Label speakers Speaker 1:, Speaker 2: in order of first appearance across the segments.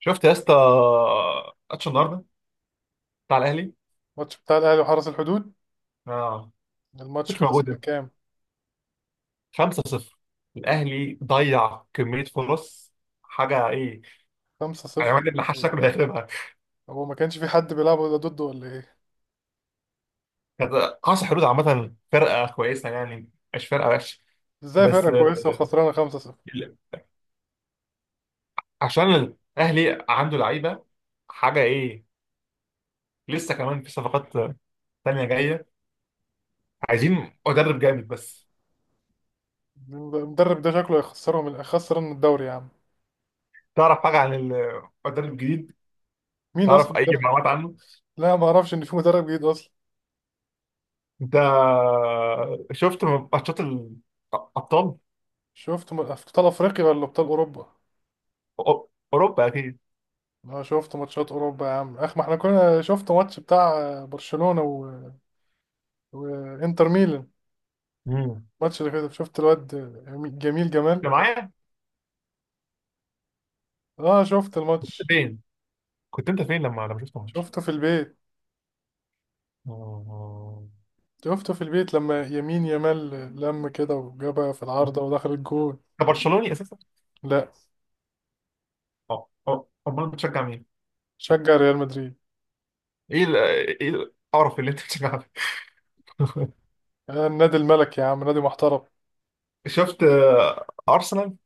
Speaker 1: شفت يا اسطى ماتش النهارده بتاع الاهلي؟
Speaker 2: الماتش بتاع الاهلي وحرس الحدود.
Speaker 1: اه.
Speaker 2: الماتش
Speaker 1: مش
Speaker 2: خلص كان
Speaker 1: موجوده.
Speaker 2: كام؟
Speaker 1: 5-0. الاهلي ضيع كميه فرص، حاجه ايه. يعني
Speaker 2: 5-0.
Speaker 1: الواد اللي حش شكله هيخربها.
Speaker 2: هو ما كانش في حد بيلعب ولا ضده ولا ايه؟
Speaker 1: كانت قاصح حدود عامه، فرقه كويسه يعني، مش فرقه وحشه.
Speaker 2: ازاي
Speaker 1: بس
Speaker 2: فرقة كويسة وخسرانة 5-0؟
Speaker 1: ال- عشان الاهلي عنده لعيبه، حاجه ايه. لسه كمان في صفقات تانية جايه. عايزين مدرب جامد بس.
Speaker 2: المدرب ده شكله هيخسرهم، هيخسرنا الدوري يا عم.
Speaker 1: تعرف حاجه عن المدرب الجديد؟
Speaker 2: مين
Speaker 1: تعرف
Speaker 2: اصلا
Speaker 1: اي
Speaker 2: المدرب؟
Speaker 1: معلومات عنه؟
Speaker 2: لا ما اعرفش ان في مدرب جديد اصلا.
Speaker 1: انت شفت ماتشات الابطال؟
Speaker 2: شفت في ابطال افريقيا ولا ابطال اوروبا؟
Speaker 1: أو- اوروبا اكيد.
Speaker 2: انا شفت ماتشات اوروبا يا عم، اخ ما احنا كنا شفت ماتش بتاع برشلونة وانتر ميلان.
Speaker 1: مم.
Speaker 2: الماتش اللي فات شفت الواد جميل جمال.
Speaker 1: انت معايا؟
Speaker 2: اه شفت
Speaker 1: كنت
Speaker 2: الماتش.
Speaker 1: فين؟ كنت انت فين لما شفت الماتش؟
Speaker 2: شفته في البيت.
Speaker 1: آه.
Speaker 2: شفته في البيت لما يمين يامال لم كده وجابها في العارضة ودخل الجول.
Speaker 1: انت برشلوني اساسا؟
Speaker 2: لا.
Speaker 1: اه اه. امال بتشجع مين؟
Speaker 2: شجع ريال مدريد.
Speaker 1: ايه ايه القرف اللي انت بتشجعه ده؟
Speaker 2: آه النادي الملك يا عم، نادي محترم.
Speaker 1: شفت ارسنال.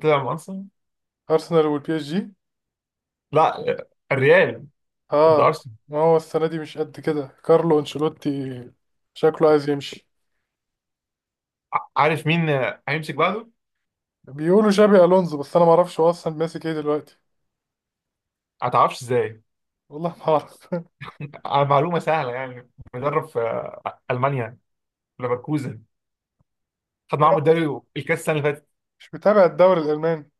Speaker 1: طلع مع ارسنال.
Speaker 2: أرسنال والبي اس جي.
Speaker 1: لا الريال. ده
Speaker 2: اه.
Speaker 1: ارسنال.
Speaker 2: ما هو السنة دي مش قد كده كارلو أنشيلوتي شكله عايز يمشي.
Speaker 1: عارف مين هيمسك بعده؟
Speaker 2: بيقولوا شابي ألونزو، بس أنا ما أعرفش هو أصلا ماسك إيه دلوقتي.
Speaker 1: ما تعرفش ازاي؟
Speaker 2: والله ما أعرف.
Speaker 1: على معلومه سهله يعني. مدرب في المانيا، ليفركوزن. خد معاهم الدوري الكاس السنه اللي فاتت.
Speaker 2: مش متابع الدوري الألماني.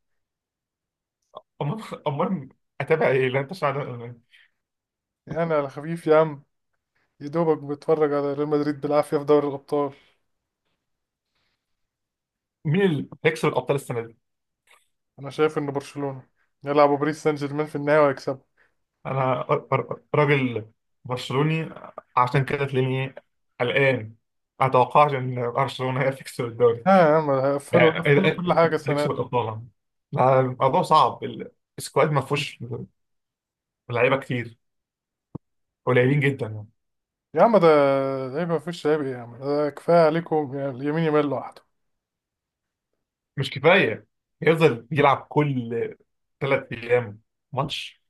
Speaker 1: امال امال اتابع ايه؟ لا انت
Speaker 2: يعني على خفيف يا عم، يا دوبك بتفرج على ريال مدريد بالعافية في دوري الأبطال.
Speaker 1: مين اللي هيكسب الابطال السنه دي؟
Speaker 2: أنا شايف إن برشلونة يلعبوا باريس سان جيرمان في النهاية ويكسبوا.
Speaker 1: انا راجل برشلوني، عشان كده تلاقيني قلقان. اتوقعش ان برشلونه هي تكسب الدوري.
Speaker 2: ها يا عم، هقفلوا
Speaker 1: يعني
Speaker 2: هقفلوا
Speaker 1: إيه
Speaker 2: كل حاجة السنة دي.
Speaker 1: تكسب الابطال؟ لا، الموضوع صعب. السكواد ما فيهوش لعيبه كتير، قليلين جدا يعني.
Speaker 2: يا عم ده، إيه ده؟ ما فيش عيب ايه يا عم، ده كفاية عليكم يعني اليمين يمال لوحده.
Speaker 1: مش كفايه. يفضل يلعب كل 3 ايام ماتش.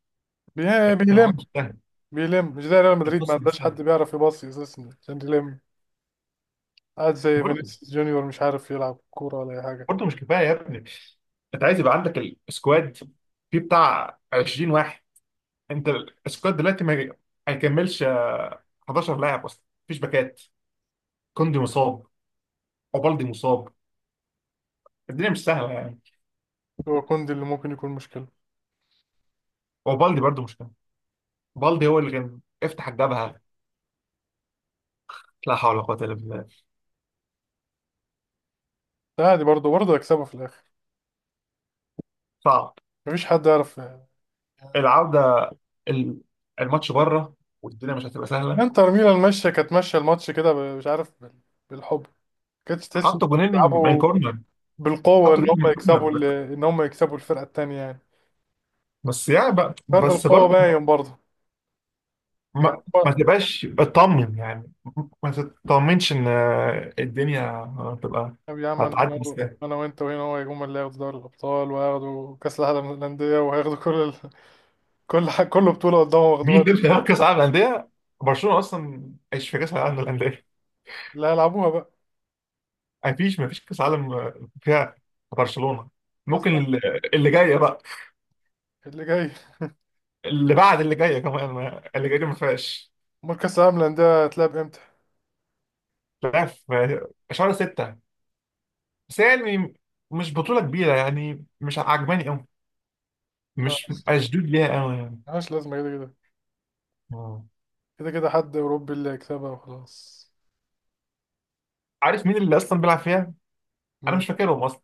Speaker 1: الماتش
Speaker 2: بيلم.
Speaker 1: مستاهل،
Speaker 2: بيلم مش زي ريال مدريد، ما
Speaker 1: الخصم
Speaker 2: عندهاش
Speaker 1: مستاهل.
Speaker 2: حد بيعرف يباصي اساسا عشان يلم. قاعد زي فينيسيوس جونيور مش عارف يلعب كورة ولا أي حاجة.
Speaker 1: برضه مش كفايه يا ابني. انت عايز يبقى عندك السكواد فيه بتاع 20 واحد. انت السكواد دلوقتي ما هيكملش 11 لاعب اصلا. مفيش باكات، كوندي مصاب وبالدي مصاب. الدنيا مش سهله يعني.
Speaker 2: هو كوندي اللي ممكن يكون مشكلة.
Speaker 1: وبالدي برضه مش كده، بالدي هو اللي كان افتح الجبهه. لا حول ولا قوه الا بالله.
Speaker 2: ده عادي، برضه برضه هيكسبها في الآخر.
Speaker 1: صعب.
Speaker 2: مفيش حد يعرف يعني.
Speaker 1: العوده ال- الماتش بره، والدنيا مش هتبقى سهله.
Speaker 2: انتر ميلان ماشية، كانت ماشية الماتش كده مش عارف بالحب. كانتش تحس إن
Speaker 1: حطوا جونين من
Speaker 2: بيلعبوا
Speaker 1: كورنر،
Speaker 2: بالقوة إن
Speaker 1: حطوا جونين
Speaker 2: هم
Speaker 1: من كورنر
Speaker 2: يكسبوا
Speaker 1: بس.
Speaker 2: إن هم يكسبوا الفرقة التانية يعني.
Speaker 1: بس يعني بقى
Speaker 2: فرق
Speaker 1: بس.
Speaker 2: القوة باين برضه. يعني
Speaker 1: ما
Speaker 2: هو-
Speaker 1: تبقاش اطمن يعني، ما تطمنش ان الدنيا هتبقى،
Speaker 2: طب يا عم، انا هنا
Speaker 1: هتعدي بسهوله.
Speaker 2: انا وانت وهنا هو يجوا هم اللي هياخدوا دوري الابطال وهياخدوا كاس العالم للانديه وهياخدوا كل بطوله قدامهم واخدوها.
Speaker 1: مين دول في كاس العالم للانديه؟ برشلونه اصلا مش في كاس العالم للانديه.
Speaker 2: اللي هيلعبوها بقى.
Speaker 1: مفيش كاس عالم فيها برشلونه. ممكن
Speaker 2: اصلا
Speaker 1: اللي جايه بقى.
Speaker 2: اللي جاي.
Speaker 1: اللي بعد اللي جايه كمان اللي جايه دي ما فيهاش.
Speaker 2: امال كاس العالم للانديه هتلعب امتى؟
Speaker 1: لا، في شهر 6. بس هي يعني مش بطوله كبيره يعني، مش عجباني قوي،
Speaker 2: ما
Speaker 1: مش اشدود ليها قوي يعني.
Speaker 2: ملهاش لازمه كده كده.
Speaker 1: آه.
Speaker 2: كده كده حد اوروبي اللي هيكسبها وخلاص.
Speaker 1: عارف مين اللي اصلا بيلعب فيها؟ انا
Speaker 2: مين؟
Speaker 1: مش فاكرهم اصلا.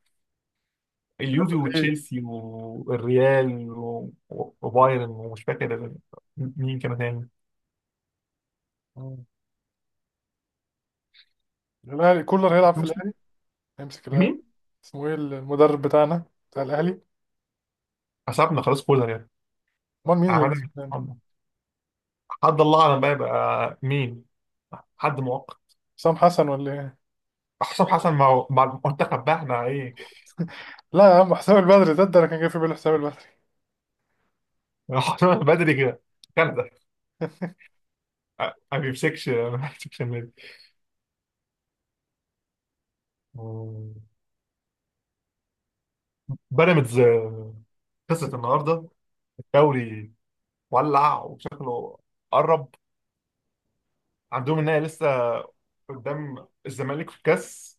Speaker 1: اليوفي
Speaker 2: اكيد.
Speaker 1: وتشيلسي والريال وبايرن، ومش فاكر مين كان تاني.
Speaker 2: مم. الاهلي كولر هيلعب في الاهلي، هيمسك الاهلي.
Speaker 1: مين؟
Speaker 2: اسمه ايه المدرب بتاعنا، بتاع الاهلي؟
Speaker 1: حسبنا خلاص كولر يعني.
Speaker 2: امال مين اللي هيمسك
Speaker 1: عملنا
Speaker 2: الاهلي؟
Speaker 1: حسبنا. حد الله اعلم بقى يبقى مين، حد مؤقت.
Speaker 2: حسام حسن ولا ايه؟
Speaker 1: حسام حسن مع المنتخب بقى، احنا ايه.
Speaker 2: لا يا عم، حسام البدري، ده انا كان جاي في بالي حسام البدري.
Speaker 1: حسام بدري كده، كندا. أ- ما بيمسكش النادي. مم. بيراميدز خسرت النهارده الدوري. ولع وشكله قرب. عندهم النهائي لسه قدام الزمالك في الكاس.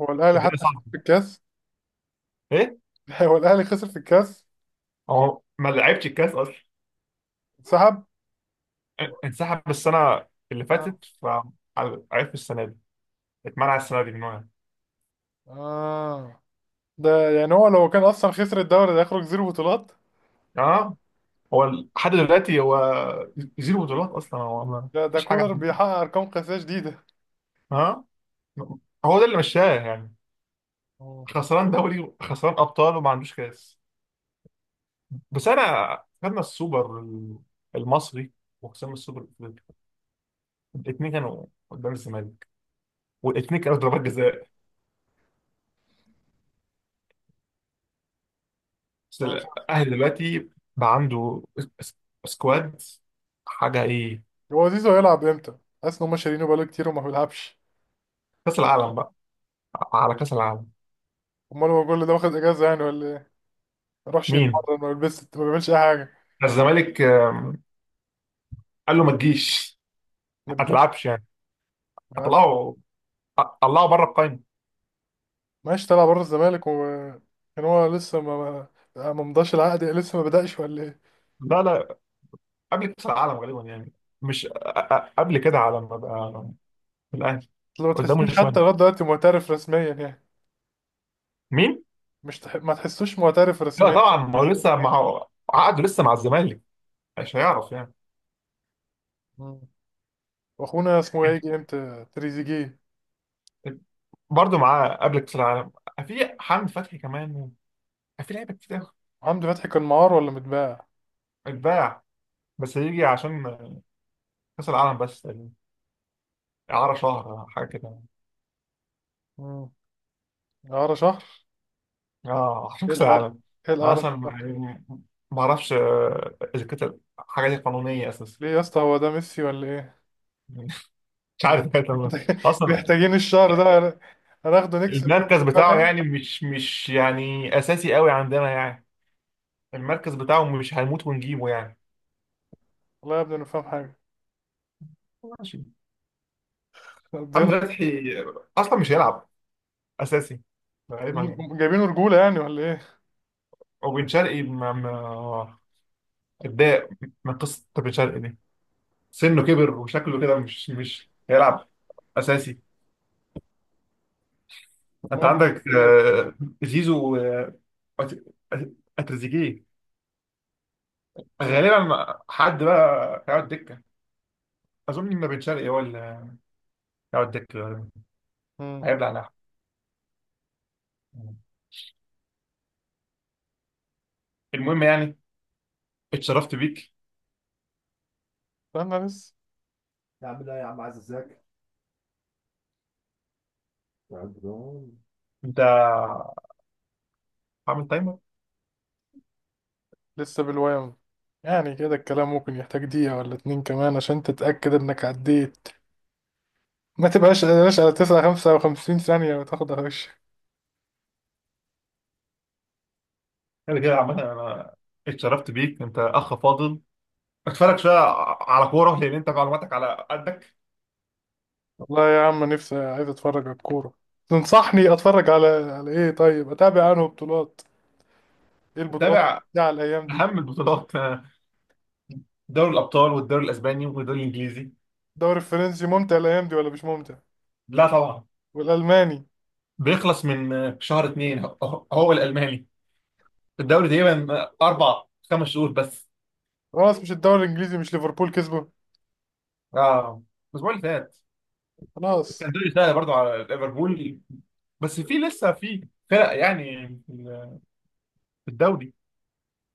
Speaker 2: هو الاهلي
Speaker 1: الدنيا
Speaker 2: حتى خسر
Speaker 1: صعبه،
Speaker 2: في الكاس.
Speaker 1: ايه.
Speaker 2: هو الاهلي خسر في الكاس؟
Speaker 1: هو ما لعبش الكاس اصلا.
Speaker 2: انسحب.
Speaker 1: انسحب السنه اللي
Speaker 2: اه،
Speaker 1: فاتت، فعرف السنه دي اتمنع السنه دي من هنا.
Speaker 2: اه. ده يعني هو لو كان اصلا خسر الدوري ده يخرج زيرو بطولات.
Speaker 1: اه. هو لحد دلوقتي هو زيرو بطولات اصلا، هو ما
Speaker 2: ده
Speaker 1: فيش حاجه
Speaker 2: كولر
Speaker 1: عنده.
Speaker 2: بيحقق ارقام قياسيه جديده.
Speaker 1: اه، هو ده اللي مشاه يعني.
Speaker 2: اه.
Speaker 1: خسران دوري، خسران ابطال، وما عندوش كاس. بس انا خدنا السوبر المصري وخسرنا السوبر الافريقي، الاثنين كانوا قدام الزمالك، والاثنين كانوا ضربات جزاء. بس
Speaker 2: هو مش عارف.
Speaker 1: الأهلي دلوقتي بقى عنده اس- سكواد، حاجة إيه.
Speaker 2: هو زيزو هيلعب امتى؟ حاسس ان هم شارينه بقاله كتير وما بيلعبش.
Speaker 1: كأس العالم بقى، على كأس العالم.
Speaker 2: امال هو كل ده واخد اجازه يعني ولا ايه؟ ما يروحش
Speaker 1: مين؟
Speaker 2: يتمرن، ما بيلبسش، ما بيعملش اي حاجه.
Speaker 1: الزمالك قال له ما تجيش،
Speaker 2: ما
Speaker 1: ما
Speaker 2: تجيش.
Speaker 1: تلعبش يعني.
Speaker 2: ما يلعبش.
Speaker 1: هطلعه، طلعه بره القايمة.
Speaker 2: ماشي طلع بره الزمالك، وكان هو لسه ما مضاش العقد، لسه ما بدأش ولا ايه؟
Speaker 1: لا لا. قبل كأس العالم غالبا يعني. مش أ- قبل كده على ما بقى في الأهلي.
Speaker 2: لو
Speaker 1: قدامه
Speaker 2: تحسوش حتى
Speaker 1: شوية.
Speaker 2: لغاية دلوقتي معترف رسميا يعني.
Speaker 1: مين؟
Speaker 2: مش تح... ما تحسوش معترف
Speaker 1: لا
Speaker 2: رسميا.
Speaker 1: طبعا، ما هو لسه مع عقده لسه مع الزمالك، مش هيعرف يعني.
Speaker 2: مم. واخونا اسمه ايه يجي امتى تريزيجيه؟
Speaker 1: برضه معاه قبل كأس العالم. في حمد فتحي كمان. في لعيبه كتير.
Speaker 2: محمد فتحي كان معار ولا متباع؟
Speaker 1: اتباع بس هيجي عشان كأس العالم بس تقريبا. إعارة شهر حاجة كده.
Speaker 2: مم. اعاره شهر.
Speaker 1: اه عشان
Speaker 2: ايه
Speaker 1: كأس
Speaker 2: الاعاره،
Speaker 1: العالم.
Speaker 2: ايه
Speaker 1: أنا
Speaker 2: الاعاره
Speaker 1: أصلا
Speaker 2: شهر؟
Speaker 1: يعني ما أعرفش إذا كانت الحاجة دي قانونية أساسا.
Speaker 2: ليه يا اسطى هو ده ميسي ولا ايه؟
Speaker 1: مش
Speaker 2: يعني.
Speaker 1: عارف كانت ولا لا. أصلا
Speaker 2: محتاجين الشهر ده، هناخده نكسب فيه.
Speaker 1: المركز
Speaker 2: بقى
Speaker 1: بتاعه
Speaker 2: تاني.
Speaker 1: يعني مش يعني أساسي قوي عندنا يعني. المركز بتاعه مش هنموت ونجيبه يعني.
Speaker 2: والله يا ابني ما فاهم حاجه.
Speaker 1: ماشي.
Speaker 2: قضينا.
Speaker 1: حمدي فتحي أصلا مش هيلعب أساسي تقريبا يعني.
Speaker 2: جايبينه رجوله يعني ولا ايه؟
Speaker 1: وبن شرقي اتضايق من قصة بن شرقي دي. سنه كبر وشكله كده مش هيلعب اساسي.
Speaker 2: امال
Speaker 1: انت
Speaker 2: هم
Speaker 1: عندك
Speaker 2: جايبينه ليه؟
Speaker 1: زيزو أت- اتريزيجيه،
Speaker 2: مم.
Speaker 1: غالبا حد بقى هيقعد دكه. اظن ان بن شرقي هو اللي هيقعد دكه غالبا.
Speaker 2: مم.
Speaker 1: هيبلع لحم. المهم يعني، اتشرفت بيك.
Speaker 2: استنى بس.
Speaker 1: انت عامل تايمر؟
Speaker 2: لسه بالوام. يعني كده الكلام ممكن يحتاج دقيقة ولا اتنين كمان عشان تتأكد إنك عديت. ما تبقاش قلقان على تسعة خمسة وخمسين ثانية وتاخد هش.
Speaker 1: كده كده عامه انا اتشرفت بيك، انت اخ فاضل. اتفرج شويه على كوره لان انت معلوماتك على قدك.
Speaker 2: والله يا عم نفسي عايز أتفرج على الكورة. تنصحني أتفرج على إيه؟ طيب أتابع أنه بطولات، إيه البطولات
Speaker 1: تابع
Speaker 2: بتاع الأيام دي؟
Speaker 1: اهم البطولات، دوري الابطال والدوري الاسباني والدوري الانجليزي.
Speaker 2: الدوري الفرنسي ممتع الأيام دي ولا مش ممتع؟
Speaker 1: لا طبعا.
Speaker 2: والألماني.
Speaker 1: بيخلص من شهر 2 هو الالماني، الدوري تقريبا اربع خمس شهور بس.
Speaker 2: خلاص مش الدوري الإنجليزي، مش ليفربول كسبه؟
Speaker 1: اه، الاسبوع اللي فات.
Speaker 2: خلاص.
Speaker 1: كان دوري سهل برضو على ليفربول بس في لسه في فرق يعني في الدوري.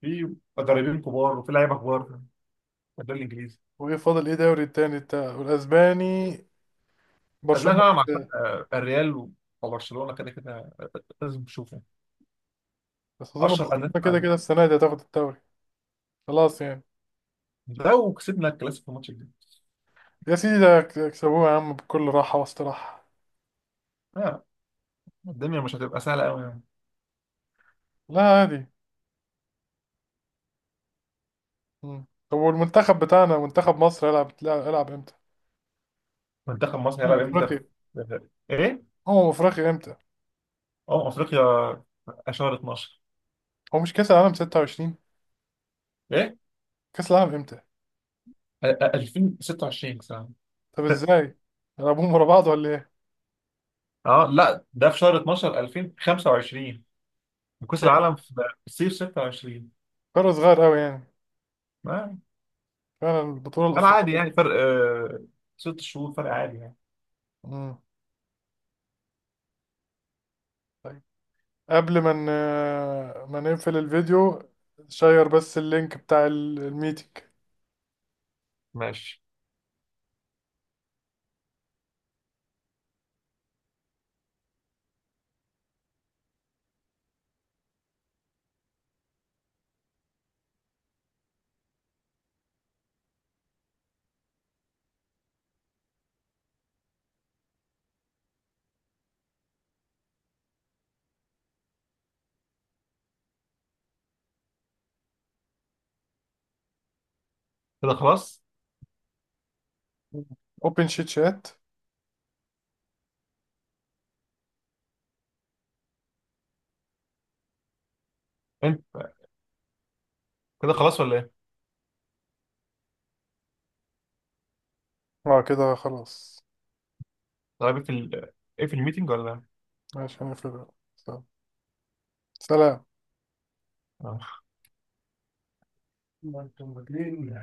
Speaker 1: في مدربين كبار وفي لعيبه كبار في الدوري الانجليزي.
Speaker 2: وإيه فاضل إيه دوري التاني بتاع والأسباني؟
Speaker 1: ازمه
Speaker 2: برشلونة.
Speaker 1: طبعا مع فرق، الريال وبرشلونه، كده كده لازم تشوفه.
Speaker 2: بس أظن
Speaker 1: اشهر انديه في
Speaker 2: برشلونة كده
Speaker 1: العالم.
Speaker 2: كده السنة دي هتاخد الدوري. خلاص يعني.
Speaker 1: لو كسبنا الكلاسيكو الماتش الجاي،
Speaker 2: يا سيدي ده يكسبوها يا عم بكل راحة واستراحة.
Speaker 1: آه، الدنيا مش هتبقى سهله قوي يعني.
Speaker 2: لا عادي. مم. طب والمنتخب بتاعنا منتخب مصر يلعب امتى؟
Speaker 1: منتخب مصر هيلعب
Speaker 2: أمم
Speaker 1: امتى
Speaker 2: أفريقيا.
Speaker 1: ايه؟
Speaker 2: أمم أفريقيا امتى؟
Speaker 1: اه افريقيا 10 12.
Speaker 2: هو مش كأس العالم 26؟
Speaker 1: ايه
Speaker 2: كأس العالم امتى؟
Speaker 1: 2026 مثلا.
Speaker 2: طب ازاي؟ يلعبوهم ورا بعض ولا ايه؟
Speaker 1: اه لا، ده في شهر 12 2025. وكأس
Speaker 2: تاني
Speaker 1: العالم في الصيف 26.
Speaker 2: فرق صغير قوي يعني.
Speaker 1: ما
Speaker 2: فعلا البطولة
Speaker 1: كان عادي
Speaker 2: الأفريقية.
Speaker 1: يعني، فرق 6 شهور، فرق عادي يعني.
Speaker 2: مم. طيب. قبل ما ما نقفل الفيديو، شير بس اللينك بتاع الميتنج.
Speaker 1: ماشي. كده خلاص.
Speaker 2: اوبن شيت شات.
Speaker 1: انت كده خلاص ولا ايه؟
Speaker 2: اه كده خلاص.
Speaker 1: طيب في ايه في الميتنج ولا إيه؟
Speaker 2: ماشي هنقفل. سلام.
Speaker 1: آه.
Speaker 2: ما انتم مدين.